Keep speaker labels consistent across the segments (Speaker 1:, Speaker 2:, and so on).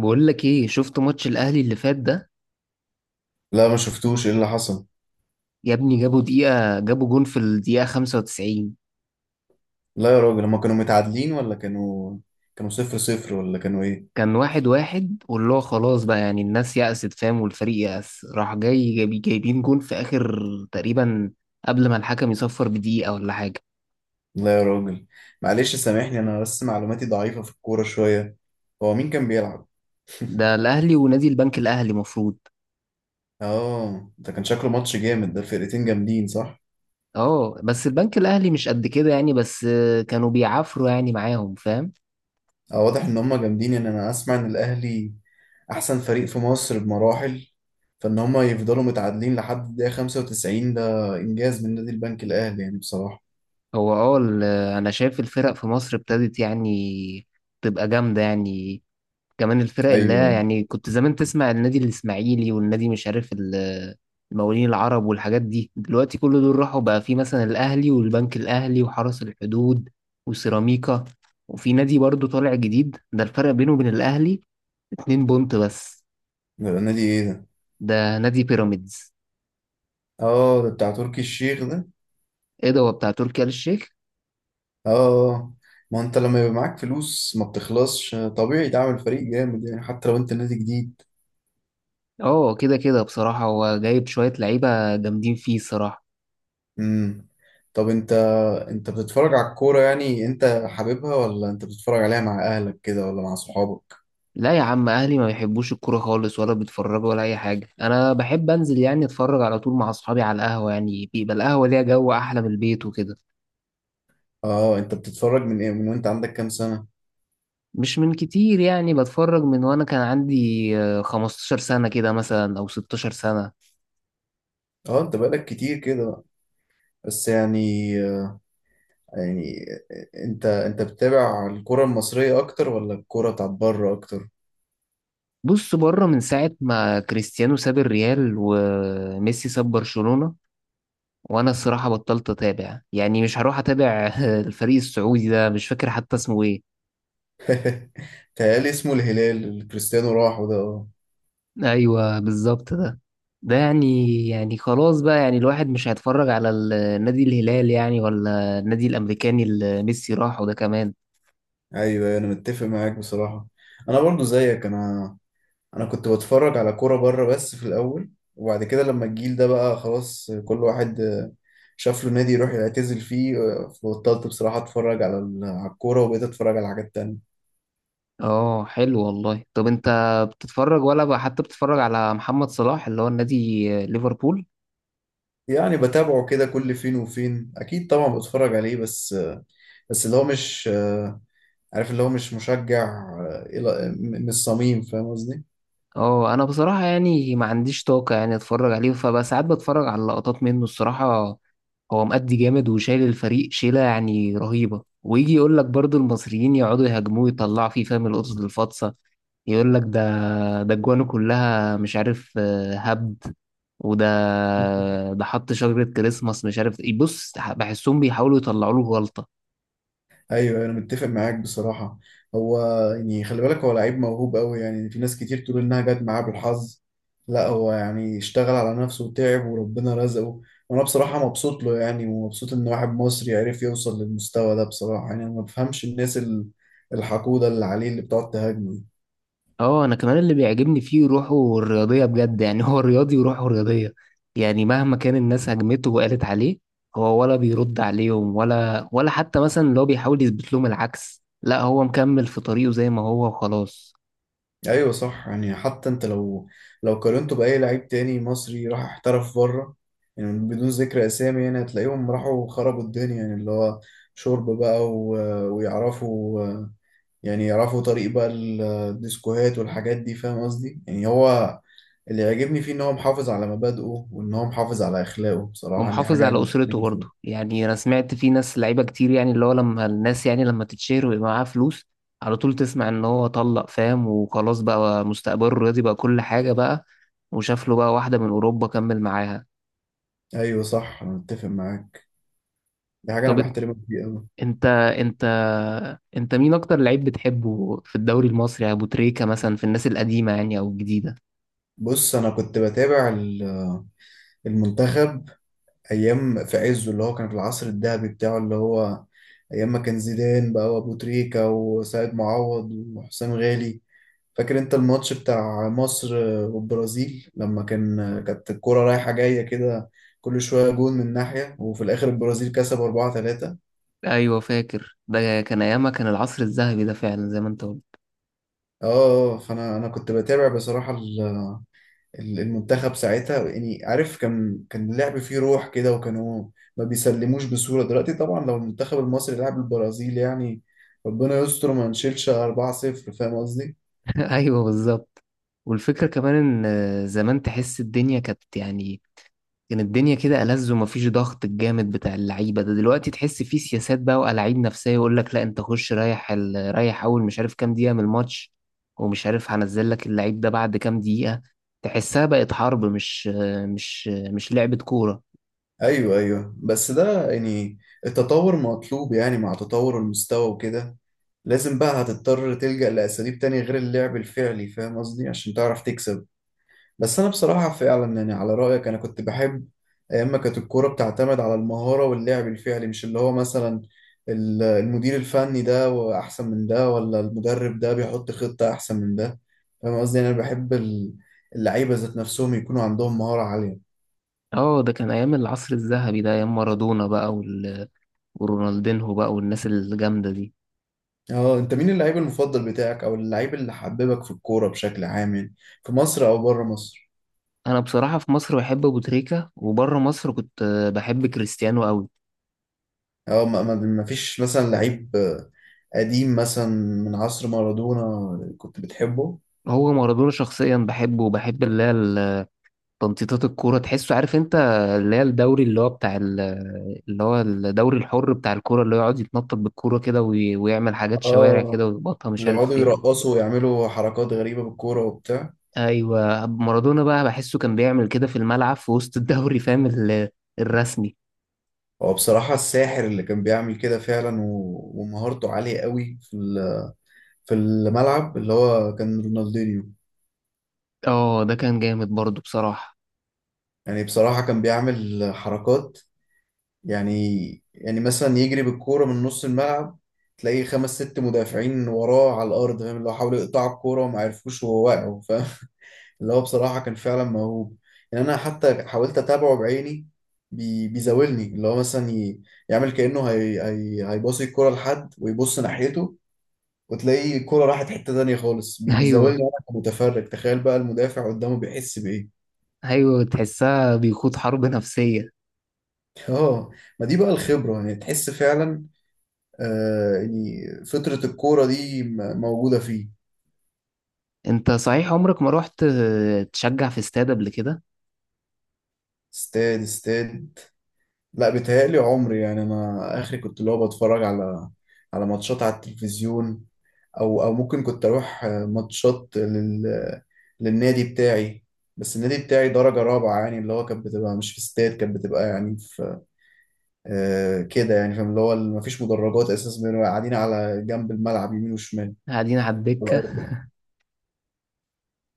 Speaker 1: بقول لك ايه، شفت ماتش الاهلي اللي فات ده؟
Speaker 2: لا، ما شفتوش ايه اللي حصل.
Speaker 1: يا ابني جابوا جون في الدقيقة 95.
Speaker 2: لا يا راجل، هما كانوا متعادلين ولا كانوا صفر صفر ولا كانوا ايه؟
Speaker 1: كان واحد واحد، واللي هو خلاص بقى يعني الناس يأست فاهم، والفريق يأس راح جاي جايبين جون في اخر تقريبا، قبل ما الحكم يصفر بدقيقة ولا حاجة.
Speaker 2: لا يا راجل، معلش سامحني، انا بس معلوماتي ضعيفة في الكورة شوية. هو مين كان بيلعب؟
Speaker 1: ده الاهلي ونادي البنك الاهلي مفروض.
Speaker 2: اه، ده كان شكله ماتش جامد، ده فرقتين جامدين صح؟
Speaker 1: اه، بس البنك الاهلي مش قد كده يعني، بس كانوا بيعافروا يعني معاهم فاهم.
Speaker 2: اه واضح ان هما جامدين، انا اسمع ان الاهلي احسن فريق في مصر بمراحل، فان هما يفضلوا متعادلين لحد الدقيقة 95، ده انجاز من نادي البنك الاهلي يعني بصراحة.
Speaker 1: هو انا شايف الفرق في مصر ابتدت يعني تبقى جامدة يعني. كمان الفرق اللي هي
Speaker 2: ايوه.
Speaker 1: يعني، كنت زمان تسمع النادي الإسماعيلي والنادي مش عارف المقاولين العرب والحاجات دي. دلوقتي كل دول راحوا بقى، في مثلا الأهلي والبنك الأهلي وحرس الحدود وسيراميكا، وفي نادي برضو طالع جديد، ده الفرق بينه وبين الأهلي اتنين بونت بس.
Speaker 2: ده النادي ايه ده؟
Speaker 1: ده نادي بيراميدز.
Speaker 2: اه، ده بتاع تركي الشيخ ده.
Speaker 1: ايه ده، هو بتاع تركي آل الشيخ؟
Speaker 2: اه، ما انت لما يبقى معاك فلوس ما بتخلصش، طبيعي تعمل فريق جامد يعني، حتى لو انت نادي جديد.
Speaker 1: اه، كده كده بصراحة، هو جايب شوية لعيبة جامدين فيه الصراحة.
Speaker 2: امم طب انت بتتفرج على الكورة؟ يعني انت حاببها، ولا انت بتتفرج عليها مع اهلك كده ولا مع صحابك؟
Speaker 1: لا يا عم، اهلي ما بيحبوش الكوره خالص، ولا بيتفرجوا ولا اي حاجه. انا بحب انزل يعني اتفرج على طول مع اصحابي على القهوه، يعني بيبقى القهوه ليها جو احلى من البيت وكده.
Speaker 2: اه، انت بتتفرج من ايه، من وانت عندك كام سنة؟
Speaker 1: مش من كتير، يعني بتفرج من وانا كان عندي 15 سنه كده مثلا، او 16 سنه.
Speaker 2: اه انت بقالك كتير كده بقى. بس يعني، يعني انت بتتابع الكرة المصرية اكتر ولا الكرة بتاعت بره اكتر؟
Speaker 1: بص، بره من ساعه ما كريستيانو ساب الريال وميسي ساب برشلونه، وانا الصراحه بطلت اتابع، يعني مش هروح اتابع الفريق السعودي ده مش فاكر حتى اسمه ايه.
Speaker 2: تهيألي اسمه الهلال اللي كريستيانو راحه ده.
Speaker 1: ايوه بالظبط ده يعني خلاص بقى، يعني الواحد مش هيتفرج على النادي الهلال يعني، ولا النادي الامريكاني اللي ميسي راحه ده كمان.
Speaker 2: ايوه، أيوة، انا متفق معاك بصراحه. انا برضو زيك، انا انا كنت بتفرج على كوره بره بس في الاول، وبعد كده لما الجيل ده بقى خلاص كل واحد شاف له نادي يروح يعتزل فيه، فبطلت بصراحه اتفرج على على الكوره، وبقيت اتفرج على حاجات تانية.
Speaker 1: اه حلو والله. طب انت بتتفرج، ولا بقى حتى بتتفرج على محمد صلاح اللي هو النادي ليفربول؟
Speaker 2: يعني بتابعه كده كل فين وفين، اكيد طبعا بتفرج عليه، بس بس اللي هو مش عارف، اللي هو مش مشجع من الصميم، فاهم قصدي؟
Speaker 1: اه، انا بصراحة يعني ما عنديش طاقة يعني اتفرج عليه، فبقى ساعات بتفرج على لقطات منه الصراحة. هو مأدي جامد وشايل الفريق شيلة يعني رهيبة، ويجي يقول لك برضو المصريين يقعدوا يهاجموه يطلعوا فيه فاهم، القطط الفاطسة يقول لك ده. ده الجوانه كلها مش عارف هبد. وده، ده حط شجرة كريسماس مش عارف ايه. بص، بحسهم بيحاولوا يطلعوا له غلطة.
Speaker 2: ايوه، انا متفق معاك بصراحه. هو يعني، خلي بالك، هو لعيب موهوب قوي يعني، في ناس كتير تقول انها جت معاه بالحظ. لا، هو يعني اشتغل على نفسه وتعب وربنا رزقه، وانا بصراحه مبسوط له يعني، ومبسوط ان واحد مصري عرف يوصل للمستوى ده بصراحه. يعني انا ما بفهمش الناس الحقوده اللي عليه، اللي بتقعد تهاجمه.
Speaker 1: اه، انا كمان اللي بيعجبني فيه روحه الرياضية بجد، يعني هو رياضي وروحه رياضية. يعني مهما كان الناس هجمته وقالت عليه، هو ولا بيرد عليهم، ولا حتى مثلا اللي هو بيحاول يثبت لهم العكس. لا، هو مكمل في طريقه زي ما هو وخلاص.
Speaker 2: ايوه صح، يعني حتى انت لو قارنته باي لعيب تاني مصري راح احترف بره، يعني بدون ذكر اسامي، يعني هتلاقيهم راحوا خربوا الدنيا، يعني اللي هو شرب بقى و... ويعرفوا يعني يعرفوا طريق بقى الديسكوهات والحاجات دي، فاهم قصدي؟ يعني هو اللي يعجبني فيه ان هو محافظ على مبادئه، وان هو محافظ على اخلاقه بصراحة، دي
Speaker 1: ومحافظ
Speaker 2: حاجة
Speaker 1: على
Speaker 2: أنا
Speaker 1: أسرته
Speaker 2: بحترمه
Speaker 1: برضه.
Speaker 2: فيه.
Speaker 1: يعني أنا سمعت في ناس لعيبة كتير، يعني اللي هو لما الناس يعني لما تتشهر ويبقى معاها فلوس، على طول تسمع إن هو طلق فاهم، وخلاص بقى مستقبله الرياضي بقى كل حاجة بقى، وشاف له بقى واحدة من أوروبا كمل معاها.
Speaker 2: ايوه صح، انا متفق معاك، دي حاجة انا
Speaker 1: طب
Speaker 2: بحترمك فيه قوي.
Speaker 1: أنت أنت أنت مين أكتر لعيب بتحبه في الدوري المصري، أبو تريكة مثلا في الناس القديمة يعني، أو الجديدة؟
Speaker 2: بص، انا كنت بتابع المنتخب ايام في عزه، اللي هو كان في العصر الذهبي بتاعه، اللي هو ايام ما كان زيدان بقى، وابو تريكة، وسيد معوض، وحسام غالي. فاكر انت الماتش بتاع مصر والبرازيل، لما كان كانت الكرة رايحة جاية كده، كل شوية جون من ناحية، وفي الاخر البرازيل كسب 4-3.
Speaker 1: أيوة فاكر، ده كان أيامها كان العصر الذهبي ده فعلا زي ما أنت قلت.
Speaker 2: اه، فانا انا كنت بتابع بصراحة المنتخب ساعتها، يعني عارف كان كان اللعب فيه روح كده، وكانوا ما بيسلموش بسهولة. دلوقتي طبعا لو المنتخب المصري لعب البرازيل يعني، ربنا يستر ما نشيلش 4-0، فاهم قصدي؟
Speaker 1: ايوه بالظبط. والفكره كمان، ان زمان تحس الدنيا كانت يعني كان الدنيا كده ألذ، ومفيش ضغط الجامد بتاع اللعيبه ده دلوقتي. تحس فيه سياسات بقى وألاعيب نفسيه، يقول لك لا انت خش ريح اول مش عارف كام دقيقه من الماتش، ومش عارف هنزل لك اللعيب ده بعد كام دقيقه. تحسها بقت حرب، مش لعبه كوره.
Speaker 2: ايوه ايوه، بس ده يعني التطور مطلوب، يعني مع تطور المستوى وكده لازم بقى، هتضطر تلجأ لأساليب تانية غير اللعب الفعلي، فاهم قصدي؟ عشان تعرف تكسب. بس انا بصراحه فعلا يعني، على رايك انا كنت بحب اما كانت الكوره بتعتمد على المهاره واللعب الفعلي، مش اللي هو مثلا المدير الفني ده واحسن من ده، ولا المدرب ده بيحط خطه احسن من ده. فاهم قصدي؟ يعني انا بحب اللعيبه ذات نفسهم يكونوا عندهم مهاره عاليه.
Speaker 1: اه، ده كان ايام العصر الذهبي ده، ايام مارادونا بقى ورونالدينهو بقى والناس الجامده دي.
Speaker 2: اه، انت مين اللعيب المفضل بتاعك، او اللعيب اللي حببك في الكوره بشكل عام يعني، في مصر او بره مصر؟
Speaker 1: انا بصراحه في مصر بحب ابو تريكه، وبره مصر كنت بحب كريستيانو قوي.
Speaker 2: اه ما فيش مثلا لعيب، قديم مثلا، من عصر مارادونا كنت بتحبه؟
Speaker 1: هو مارادونا شخصيا بحبه، وبحب اللي هي تنطيطات الكوره، تحسه عارف انت، اللي هي الدوري اللي هو بتاع اللي هو الدوري الحر بتاع الكوره، اللي هو يقعد يتنطط بالكوره كده ويعمل حاجات شوارع
Speaker 2: اه،
Speaker 1: كده ويخبطها مش
Speaker 2: اللي
Speaker 1: عارف
Speaker 2: يقعدوا
Speaker 1: فين.
Speaker 2: يرقصوا ويعملوا حركات غريبة بالكورة وبتاع.
Speaker 1: ايوه، مارادونا بقى بحسه كان بيعمل كده في الملعب في وسط الدوري فاهم الرسمي.
Speaker 2: هو بصراحة الساحر اللي كان بيعمل كده فعلا، و... ومهارته عالية قوي في ال... في الملعب، اللي هو كان رونالدينيو.
Speaker 1: اه، ده كان جامد برضه بصراحه.
Speaker 2: يعني بصراحة كان بيعمل حركات، يعني، يعني مثلا يجري بالكورة من نص الملعب، تلاقيه خمس ست مدافعين وراه على الأرض، فاهم؟ اللي هو حاولوا يقطعوا الكورة وما عرفوش وهو واقع. اللي هو بصراحة كان فعلا موهوب، يعني أنا حتى حاولت أتابعه بعيني. بيزاولني اللي هو مثلا يعمل كأنه هي هيباصي الكرة لحد ويبص ناحيته، وتلاقي الكرة راحت حتة تانية خالص.
Speaker 1: ايوه،
Speaker 2: بيزاولني أنا كمتفرج، تخيل بقى المدافع قدامه بيحس بإيه.
Speaker 1: ايوه، تحسها بيخوض حرب نفسيه.
Speaker 2: اه، ما دي بقى الخبرة، يعني تحس فعلا آه، يعني فطرة الكورة دي موجودة فيه.
Speaker 1: انت صحيح عمرك ما رحت تشجع في استاد قبل كده؟
Speaker 2: استاد استاد؟ لا، بيتهيألي عمري. يعني أنا آخري كنت اللي هو بتفرج على على ماتشات على التلفزيون، او او ممكن كنت اروح ماتشات لل للنادي بتاعي. بس النادي بتاعي درجة رابعة يعني، اللي هو كانت بتبقى مش في استاد، كانت بتبقى يعني في آه كده يعني. فاهم اللي هو ما فيش مدرجات اساسا، بنبقى قاعدين على جنب الملعب يمين وشمال،
Speaker 1: قاعدين على
Speaker 2: على
Speaker 1: الدكة.
Speaker 2: الارض يعني.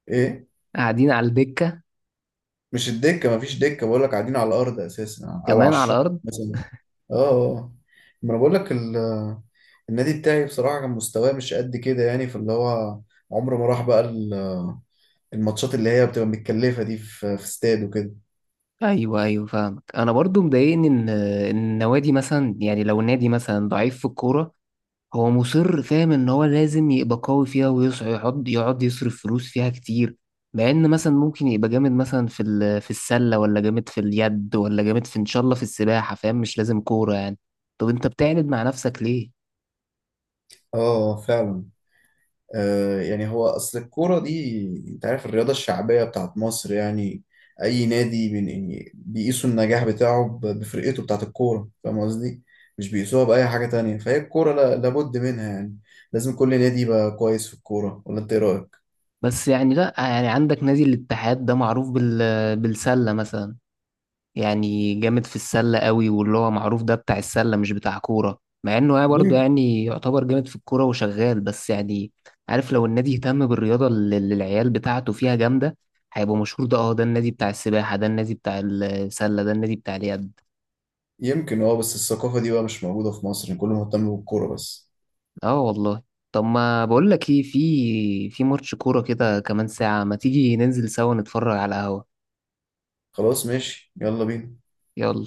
Speaker 2: ايه؟
Speaker 1: قاعدين على الدكة.
Speaker 2: مش الدكة، ما فيش دكة، بقول لك قاعدين على الارض اساسا، او على
Speaker 1: كمان على
Speaker 2: الشط
Speaker 1: الأرض.
Speaker 2: مثلا. اه آه. آه. ما انا بقول لك النادي بتاعي بصراحة كان مستواه مش قد كده، يعني فاللي هو عمره ما راح بقى الماتشات اللي هي بتبقى متكلفة دي، في في استاد وكده.
Speaker 1: أيوه، أيوه، فاهمك. أنا برضو مضايقني إن إن النوادي مثلا، يعني لو النادي مثلا ضعيف في الكورة، هو مصر فاهم إن هو لازم يبقى قوي فيها ويصعد، يقعد يقعد يصرف فلوس فيها كتير، مع إن مثلا ممكن يبقى جامد مثلا في في السلة، ولا جامد في اليد، ولا جامد في إن شاء الله في السباحة فاهم، مش لازم كورة يعني. طب أنت بتعند مع نفسك ليه؟
Speaker 2: اه فعلا، آه يعني هو اصل الكورة دي، انت عارف الرياضة الشعبية بتاعت مصر يعني، اي نادي من يعني بيقيسوا النجاح بتاعه بفرقته بتاعت الكورة، فاهم قصدي؟ مش بيقيسوها بأي حاجة تانية، فهي الكورة لابد منها يعني، لازم كل نادي يبقى كويس في الكورة، ولا انت ايه رأيك؟
Speaker 1: بس يعني لا، يعني عندك نادي الاتحاد ده معروف بالسلة مثلا، يعني جامد في السلة قوي، واللي هو معروف ده بتاع السلة مش بتاع كورة، مع انه يعني برضه
Speaker 2: يم-
Speaker 1: يعني يعتبر جامد في الكورة وشغال بس يعني. عارف، لو النادي اهتم بالرياضة اللي العيال بتاعته فيها جامدة، هيبقى مشهور. ده اه ده النادي بتاع السباحة، ده النادي بتاع السلة، ده النادي بتاع اليد.
Speaker 2: يمكن، اه، بس الثقافة دي بقى مش موجودة في مصر يعني، كله مهتم بالكورة بس.
Speaker 1: اه والله. طب ما بقول لك ايه، في ماتش كورة كده كمان ساعة، ما تيجي ننزل سوا نتفرج على القهوة.
Speaker 2: خلاص ماشي، يلا بينا.
Speaker 1: يلا